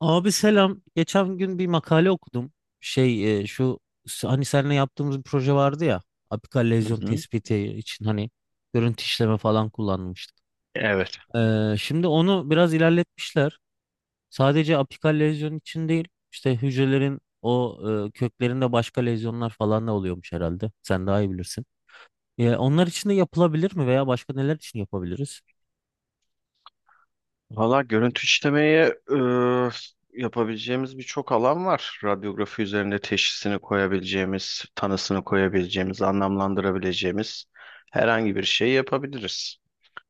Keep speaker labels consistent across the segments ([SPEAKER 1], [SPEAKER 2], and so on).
[SPEAKER 1] Abi selam. Geçen gün bir makale okudum. Şey e, şu hani seninle yaptığımız bir proje vardı ya. Apikal
[SPEAKER 2] Hı
[SPEAKER 1] lezyon
[SPEAKER 2] hı.
[SPEAKER 1] tespiti için hani görüntü işleme falan kullanmıştık.
[SPEAKER 2] Evet.
[SPEAKER 1] Şimdi onu biraz ilerletmişler. Sadece apikal lezyon için değil, işte hücrelerin köklerinde başka lezyonlar falan da oluyormuş herhalde. Sen daha iyi bilirsin. Onlar için de yapılabilir mi, veya başka neler için yapabiliriz?
[SPEAKER 2] Valla görüntü işlemeye yapabileceğimiz birçok alan var. Radyografi üzerinde teşhisini koyabileceğimiz, tanısını koyabileceğimiz, anlamlandırabileceğimiz herhangi bir şey yapabiliriz.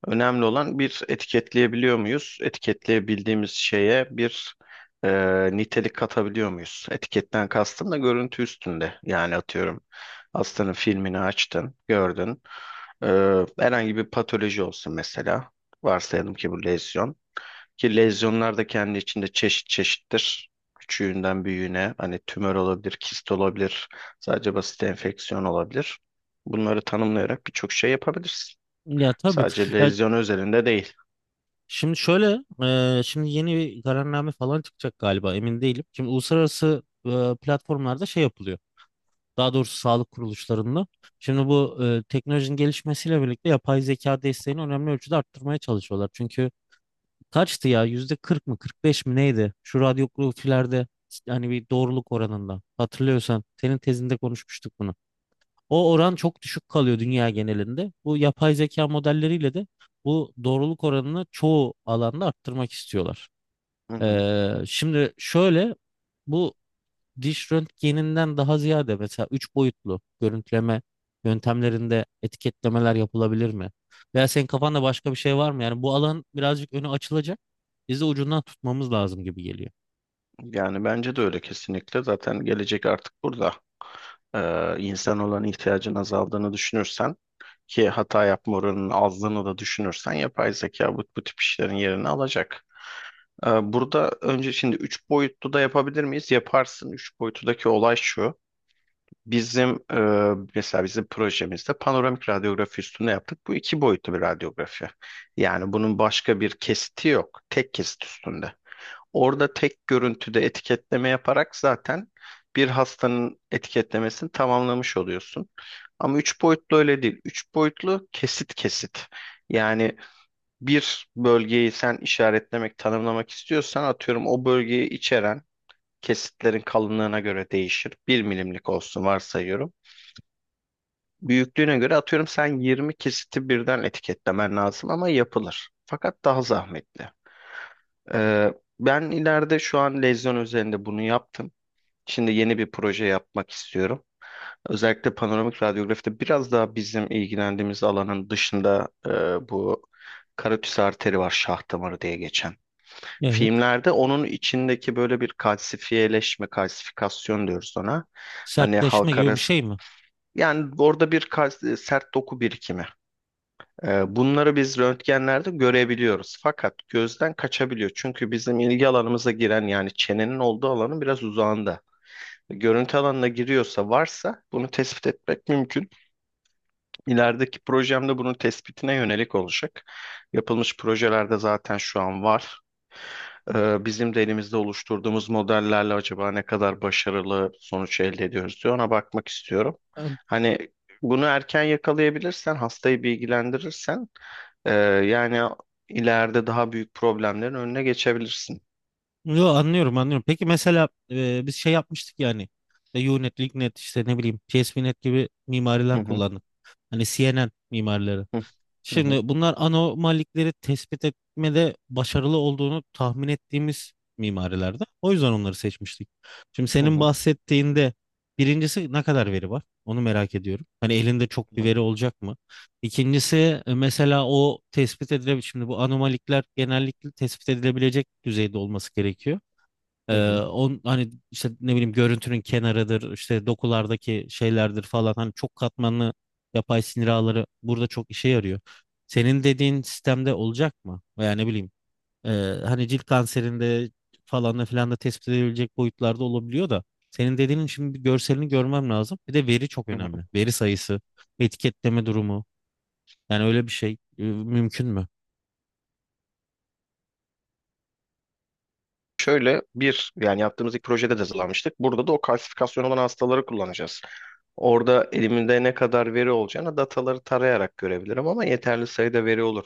[SPEAKER 2] Önemli olan bir etiketleyebiliyor muyuz? Etiketleyebildiğimiz şeye bir e, nitelik katabiliyor muyuz? Etiketten kastım da görüntü üstünde. Yani atıyorum hastanın filmini açtın, gördün. Herhangi bir patoloji olsun mesela. Varsayalım ki bu lezyon. Ki lezyonlar da kendi içinde çeşit çeşittir. Küçüğünden büyüğüne hani tümör olabilir, kist olabilir, sadece basit enfeksiyon olabilir. Bunları tanımlayarak birçok şey yapabilirsin.
[SPEAKER 1] Ya tabii.
[SPEAKER 2] Sadece
[SPEAKER 1] Ya,
[SPEAKER 2] lezyon özelinde değil.
[SPEAKER 1] Şimdi şöyle, şimdi yeni bir kararname falan çıkacak galiba, emin değilim. Şimdi uluslararası platformlarda şey yapılıyor. Daha doğrusu sağlık kuruluşlarında. Şimdi teknolojinin gelişmesiyle birlikte yapay zeka desteğini önemli ölçüde arttırmaya çalışıyorlar. Çünkü kaçtı ya, %40 mı 45 mi neydi? Şu radyografilerde hani bir doğruluk oranında. Hatırlıyorsan senin tezinde konuşmuştuk bunu. O oran çok düşük kalıyor dünya genelinde. Bu yapay zeka modelleriyle de bu doğruluk oranını çoğu alanda arttırmak istiyorlar.
[SPEAKER 2] Hı hı.
[SPEAKER 1] Şimdi şöyle, bu diş röntgeninden daha ziyade mesela 3 boyutlu görüntüleme yöntemlerinde etiketlemeler yapılabilir mi? Veya senin kafanda başka bir şey var mı? Yani bu alan birazcık önü açılacak. Biz de ucundan tutmamız lazım gibi geliyor.
[SPEAKER 2] Yani bence de öyle kesinlikle. Zaten gelecek artık burada. İnsan olan ihtiyacın azaldığını düşünürsen ki hata yapma oranının azlığını da düşünürsen yapay zeka bu tip işlerin yerini alacak. Burada önce şimdi 3 boyutlu da yapabilir miyiz? Yaparsın. Üç boyutludaki olay şu. Bizim mesela bizim projemizde panoramik radyografi üstüne yaptık. Bu iki boyutlu bir radyografi. Yani bunun başka bir kesiti yok. Tek kesit üstünde. Orada tek görüntüde etiketleme yaparak zaten bir hastanın etiketlemesini tamamlamış oluyorsun. Ama 3 boyutlu öyle değil. 3 boyutlu kesit kesit. Yani bir bölgeyi sen işaretlemek, tanımlamak istiyorsan atıyorum o bölgeyi içeren kesitlerin kalınlığına göre değişir. Bir milimlik olsun varsayıyorum. Büyüklüğüne göre atıyorum sen 20 kesiti birden etiketlemen lazım ama yapılır. Fakat daha zahmetli. Ee, Ben ileride şu an lezyon üzerinde bunu yaptım. Şimdi yeni bir proje yapmak istiyorum. Özellikle panoramik radyografide biraz daha bizim ilgilendiğimiz alanın dışında bu karotis arteri var, şah damarı diye geçen.
[SPEAKER 1] Evet.
[SPEAKER 2] Filmlerde onun içindeki böyle bir kalsifiyeleşme, kalsifikasyon diyoruz ona. Hani
[SPEAKER 1] Sertleşme
[SPEAKER 2] halk
[SPEAKER 1] gibi bir
[SPEAKER 2] arası
[SPEAKER 1] şey mi?
[SPEAKER 2] yani orada bir sert doku birikimi. Bunları biz röntgenlerde görebiliyoruz. Fakat gözden kaçabiliyor. Çünkü bizim ilgi alanımıza giren yani çenenin olduğu alanın biraz uzağında. Görüntü alanına giriyorsa varsa bunu tespit etmek mümkün. İlerideki projemde bunun tespitine yönelik olacak. Yapılmış projelerde zaten şu an var. Bizim de elimizde oluşturduğumuz modellerle acaba ne kadar başarılı sonuç elde ediyoruz diye ona bakmak istiyorum. Hani bunu erken yakalayabilirsen, hastayı bilgilendirirsen, e, yani ileride daha büyük problemlerin önüne geçebilirsin.
[SPEAKER 1] Yo, anlıyorum anlıyorum. Peki mesela biz şey yapmıştık yani. Unet, LinkNet, işte ne bileyim PSPNet gibi
[SPEAKER 2] Hı
[SPEAKER 1] mimariler
[SPEAKER 2] hı,
[SPEAKER 1] kullandık. Hani CNN mimarileri.
[SPEAKER 2] hı hı,
[SPEAKER 1] Şimdi bunlar anomalikleri tespit etmede başarılı olduğunu tahmin ettiğimiz mimarilerde. O yüzden onları seçmiştik. Şimdi
[SPEAKER 2] hı
[SPEAKER 1] senin
[SPEAKER 2] hı,
[SPEAKER 1] bahsettiğinde birincisi ne kadar veri var? Onu merak ediyorum. Hani elinde çok
[SPEAKER 2] hı
[SPEAKER 1] bir
[SPEAKER 2] hı,
[SPEAKER 1] veri olacak mı? İkincisi mesela o tespit edilebilir. Şimdi bu anomalikler genellikle tespit edilebilecek düzeyde olması gerekiyor.
[SPEAKER 2] hı
[SPEAKER 1] Ee,
[SPEAKER 2] hı.
[SPEAKER 1] on, hani işte ne bileyim görüntünün kenarıdır, işte dokulardaki şeylerdir falan. Hani çok katmanlı yapay sinir ağları burada çok işe yarıyor. Senin dediğin sistemde olacak mı? Veya ne bileyim e, hani cilt kanserinde falan da filan da tespit edilebilecek boyutlarda olabiliyor da. Senin dediğinin şimdi bir görselini görmem lazım. Bir de veri çok önemli. Veri sayısı, etiketleme durumu. Yani öyle bir şey mümkün mü?
[SPEAKER 2] Şöyle bir yani yaptığımız ilk projede de hazırlanmıştık. Burada da o kalsifikasyon olan hastaları kullanacağız. Orada elimde ne kadar veri olacağını dataları tarayarak görebilirim ama yeterli sayıda veri olur.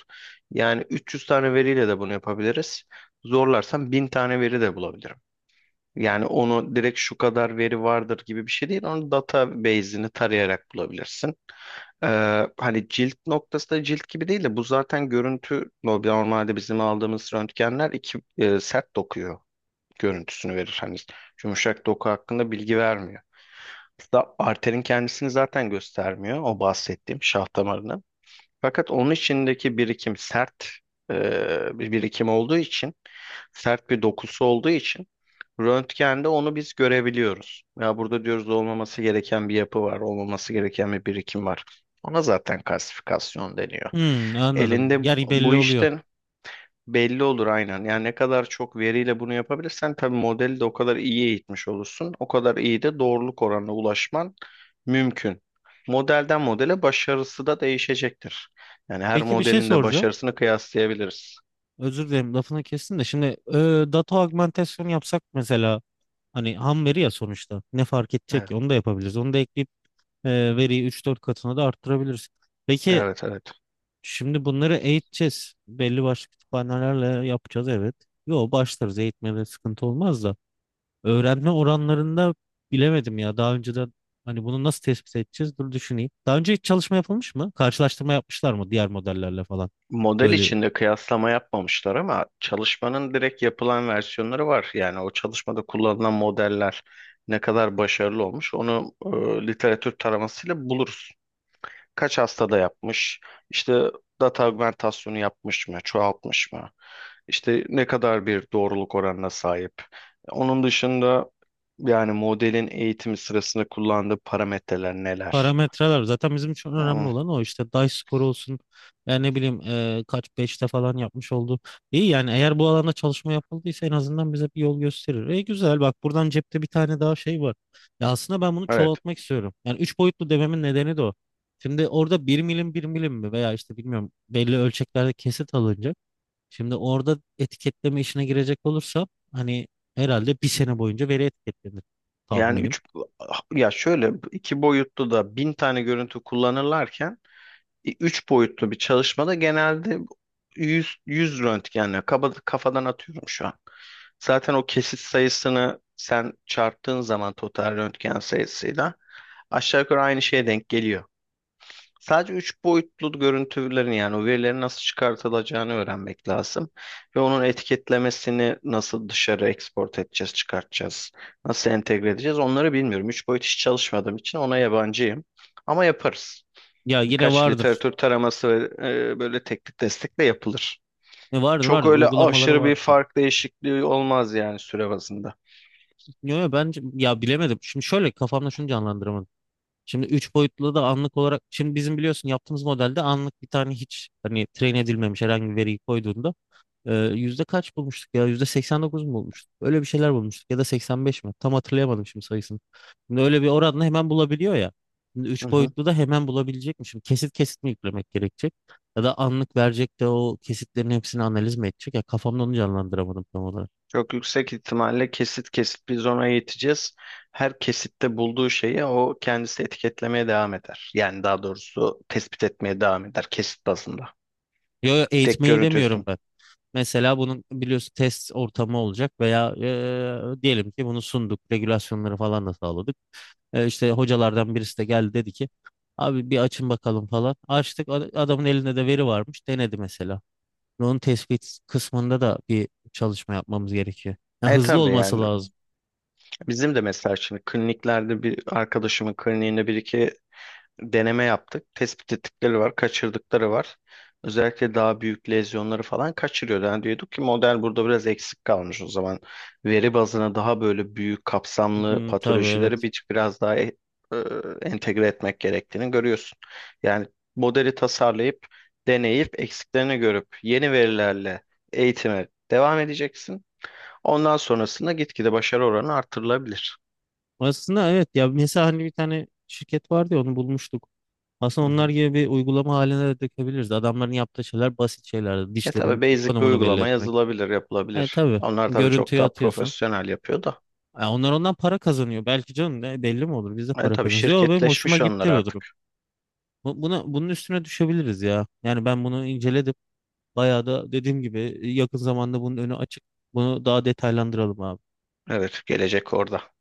[SPEAKER 2] Yani 300 tane veriyle de bunu yapabiliriz. Zorlarsam 1.000 tane veri de bulabilirim. Yani onu direkt şu kadar veri vardır gibi bir şey değil. Onu database'ini tarayarak bulabilirsin. Ee, Hani cilt noktası da cilt gibi değil de bu zaten görüntü normalde bizim aldığımız röntgenler iki sert dokuyor görüntüsünü verir. Hani yumuşak doku hakkında bilgi vermiyor. Hatta arterin kendisini zaten göstermiyor o bahsettiğim şah damarını. Fakat onun içindeki birikim sert bir birikim olduğu için, sert bir dokusu olduğu için röntgende onu biz görebiliyoruz. Ya burada diyoruz olmaması gereken bir yapı var, olmaması gereken bir birikim var. Ona zaten kalsifikasyon deniyor.
[SPEAKER 1] Hmm, anladım.
[SPEAKER 2] Elinde
[SPEAKER 1] Yani belli
[SPEAKER 2] bu
[SPEAKER 1] oluyor.
[SPEAKER 2] işte belli olur aynen. Yani ne kadar çok veriyle bunu yapabilirsen tabii modeli de o kadar iyi eğitmiş olursun. O kadar iyi de doğruluk oranına ulaşman mümkün. Modelden modele başarısı da değişecektir. Yani her
[SPEAKER 1] Peki bir şey
[SPEAKER 2] modelin de
[SPEAKER 1] soracağım.
[SPEAKER 2] başarısını kıyaslayabiliriz.
[SPEAKER 1] Özür dilerim, lafını kestim de şimdi data augmentasyon yapsak mesela, hani ham veri ya, sonuçta ne fark edecek
[SPEAKER 2] Evet,
[SPEAKER 1] ki, onu da yapabiliriz. Onu da ekleyip e, veriyi üç dört katına da arttırabiliriz. Peki
[SPEAKER 2] evet, evet.
[SPEAKER 1] şimdi bunları eğiteceğiz. Belli başlı kütüphanelerle yapacağız, evet. Yo, başlarız, eğitmede sıkıntı olmaz da öğrenme oranlarında bilemedim ya, daha önceden hani bunu nasıl tespit edeceğiz, dur düşüneyim. Daha önce hiç çalışma yapılmış mı? Karşılaştırma yapmışlar mı diğer modellerle falan?
[SPEAKER 2] Model
[SPEAKER 1] Böyle
[SPEAKER 2] içinde kıyaslama yapmamışlar ama çalışmanın direkt yapılan versiyonları var. Yani o çalışmada kullanılan modeller ne kadar başarılı olmuş onu literatür taramasıyla buluruz. Kaç hastada yapmış, işte data augmentasyonu yapmış mı, çoğaltmış mı, işte ne kadar bir doğruluk oranına sahip. Onun dışında yani modelin eğitimi sırasında kullandığı parametreler neler?
[SPEAKER 1] Parametreler zaten bizim için önemli
[SPEAKER 2] Ama.
[SPEAKER 1] olan, o işte dice score olsun yani, ne bileyim kaç beşte falan yapmış oldu. İyi, yani eğer bu alanda çalışma yapıldıysa en azından bize bir yol gösterir. Güzel, bak, buradan cepte bir tane daha şey var. Ya aslında ben bunu
[SPEAKER 2] Evet.
[SPEAKER 1] çoğaltmak istiyorum. Yani 3 boyutlu dememin nedeni de o. Şimdi orada bir milim bir milim mi, veya işte bilmiyorum, belli ölçeklerde kesit alınacak. Şimdi orada etiketleme işine girecek olursa hani herhalde bir sene boyunca veri etiketlenir
[SPEAKER 2] Yani
[SPEAKER 1] tahminim.
[SPEAKER 2] ya şöyle iki boyutlu da 1.000 tane görüntü kullanırlarken üç boyutlu bir çalışmada genelde 100, 100 röntgenle kaba, kafadan atıyorum şu an. Zaten o kesit sayısını sen çarptığın zaman total röntgen sayısıyla aşağı yukarı aynı şeye denk geliyor. Sadece 3 boyutlu görüntülerin yani o verilerin nasıl çıkartılacağını öğrenmek lazım. Ve onun etiketlemesini nasıl dışarı export edeceğiz, çıkartacağız, nasıl entegre edeceğiz onları bilmiyorum. Üç boyut hiç çalışmadığım için ona yabancıyım. Ama yaparız
[SPEAKER 1] Ya, yine
[SPEAKER 2] birkaç
[SPEAKER 1] vardır.
[SPEAKER 2] literatür taraması ve böyle teknik destekle yapılır.
[SPEAKER 1] E, vardır
[SPEAKER 2] Çok
[SPEAKER 1] vardır
[SPEAKER 2] öyle
[SPEAKER 1] uygulamaları
[SPEAKER 2] aşırı bir
[SPEAKER 1] vardır.
[SPEAKER 2] fark değişikliği olmaz yani süre bazında.
[SPEAKER 1] Yo, yo, bence ya bilemedim. Şimdi şöyle, kafamda şunu canlandıramadım. Şimdi 3 boyutlu da anlık olarak, şimdi bizim biliyorsun yaptığımız modelde, anlık bir tane hiç hani train edilmemiş herhangi bir veriyi koyduğunda yüzde kaç bulmuştuk ya, %89 mu bulmuştuk? Öyle bir şeyler bulmuştuk, ya da 85 mi? Tam hatırlayamadım şimdi sayısını. Şimdi öyle bir oranla hemen bulabiliyor ya. Şimdi
[SPEAKER 2] Hı
[SPEAKER 1] 3
[SPEAKER 2] hı.
[SPEAKER 1] boyutlu da hemen bulabilecekmişim. Kesit kesit mi yüklemek gerekecek? Ya da anlık verecek de o kesitlerin hepsini analiz mi edecek? Ya, kafamda onu canlandıramadım tam olarak.
[SPEAKER 2] Çok yüksek ihtimalle kesit kesit biz ona yeteceğiz. Her kesitte bulduğu şeyi o kendisi etiketlemeye devam eder. Yani daha doğrusu tespit etmeye devam eder kesit bazında.
[SPEAKER 1] Yo, yo,
[SPEAKER 2] Tek
[SPEAKER 1] eğitmeyi
[SPEAKER 2] görüntü üstüne.
[SPEAKER 1] demiyorum ben. Mesela bunun biliyorsun test ortamı olacak, veya Diyelim ki bunu sunduk, regülasyonları falan da sağladık. İşte hocalardan birisi de geldi, dedi ki "abi bir açın bakalım" falan. Açtık, adamın elinde de veri varmış, denedi mesela. Onun tespit kısmında da bir çalışma yapmamız gerekiyor. Yani
[SPEAKER 2] E
[SPEAKER 1] hızlı
[SPEAKER 2] tabii
[SPEAKER 1] olması
[SPEAKER 2] yani
[SPEAKER 1] lazım.
[SPEAKER 2] bizim de mesela şimdi kliniklerde bir arkadaşımın kliniğinde bir iki deneme yaptık. Tespit ettikleri var, kaçırdıkları var. Özellikle daha büyük lezyonları falan kaçırıyordu. Yani diyorduk ki model burada biraz eksik kalmış o zaman. Veri bazına daha böyle büyük kapsamlı
[SPEAKER 1] Hı, tabii,
[SPEAKER 2] patolojileri
[SPEAKER 1] evet.
[SPEAKER 2] biraz daha e, entegre etmek gerektiğini görüyorsun. Yani modeli tasarlayıp, deneyip, eksiklerini görüp yeni verilerle eğitime devam edeceksin. Ondan sonrasında gitgide başarı oranı artırılabilir.
[SPEAKER 1] Aslında evet ya, mesela hani bir tane şirket vardı ya, onu bulmuştuk. Aslında
[SPEAKER 2] Hı
[SPEAKER 1] onlar
[SPEAKER 2] hı.
[SPEAKER 1] gibi bir uygulama haline de dökebiliriz. Adamların yaptığı şeyler basit şeyler.
[SPEAKER 2] Ya tabii
[SPEAKER 1] Dişlerin
[SPEAKER 2] basic bir
[SPEAKER 1] konumunu belli
[SPEAKER 2] uygulama
[SPEAKER 1] etmek.
[SPEAKER 2] yazılabilir,
[SPEAKER 1] E
[SPEAKER 2] yapılabilir.
[SPEAKER 1] tabii
[SPEAKER 2] Onlar tabii çok
[SPEAKER 1] görüntüyü
[SPEAKER 2] daha
[SPEAKER 1] atıyorsun.
[SPEAKER 2] profesyonel yapıyor da.
[SPEAKER 1] Onlar ondan para kazanıyor. Belki, canım ne, belli mi olur? Biz de
[SPEAKER 2] Yani
[SPEAKER 1] para
[SPEAKER 2] tabii
[SPEAKER 1] kazanırız. Yo, benim hoşuma
[SPEAKER 2] şirketleşmiş onlar
[SPEAKER 1] gitti bu durum.
[SPEAKER 2] artık.
[SPEAKER 1] Bunun üstüne düşebiliriz ya. Yani ben bunu inceledim. Bayağı da dediğim gibi yakın zamanda bunun önü açık. Bunu daha detaylandıralım abi.
[SPEAKER 2] Evet, gelecek orada.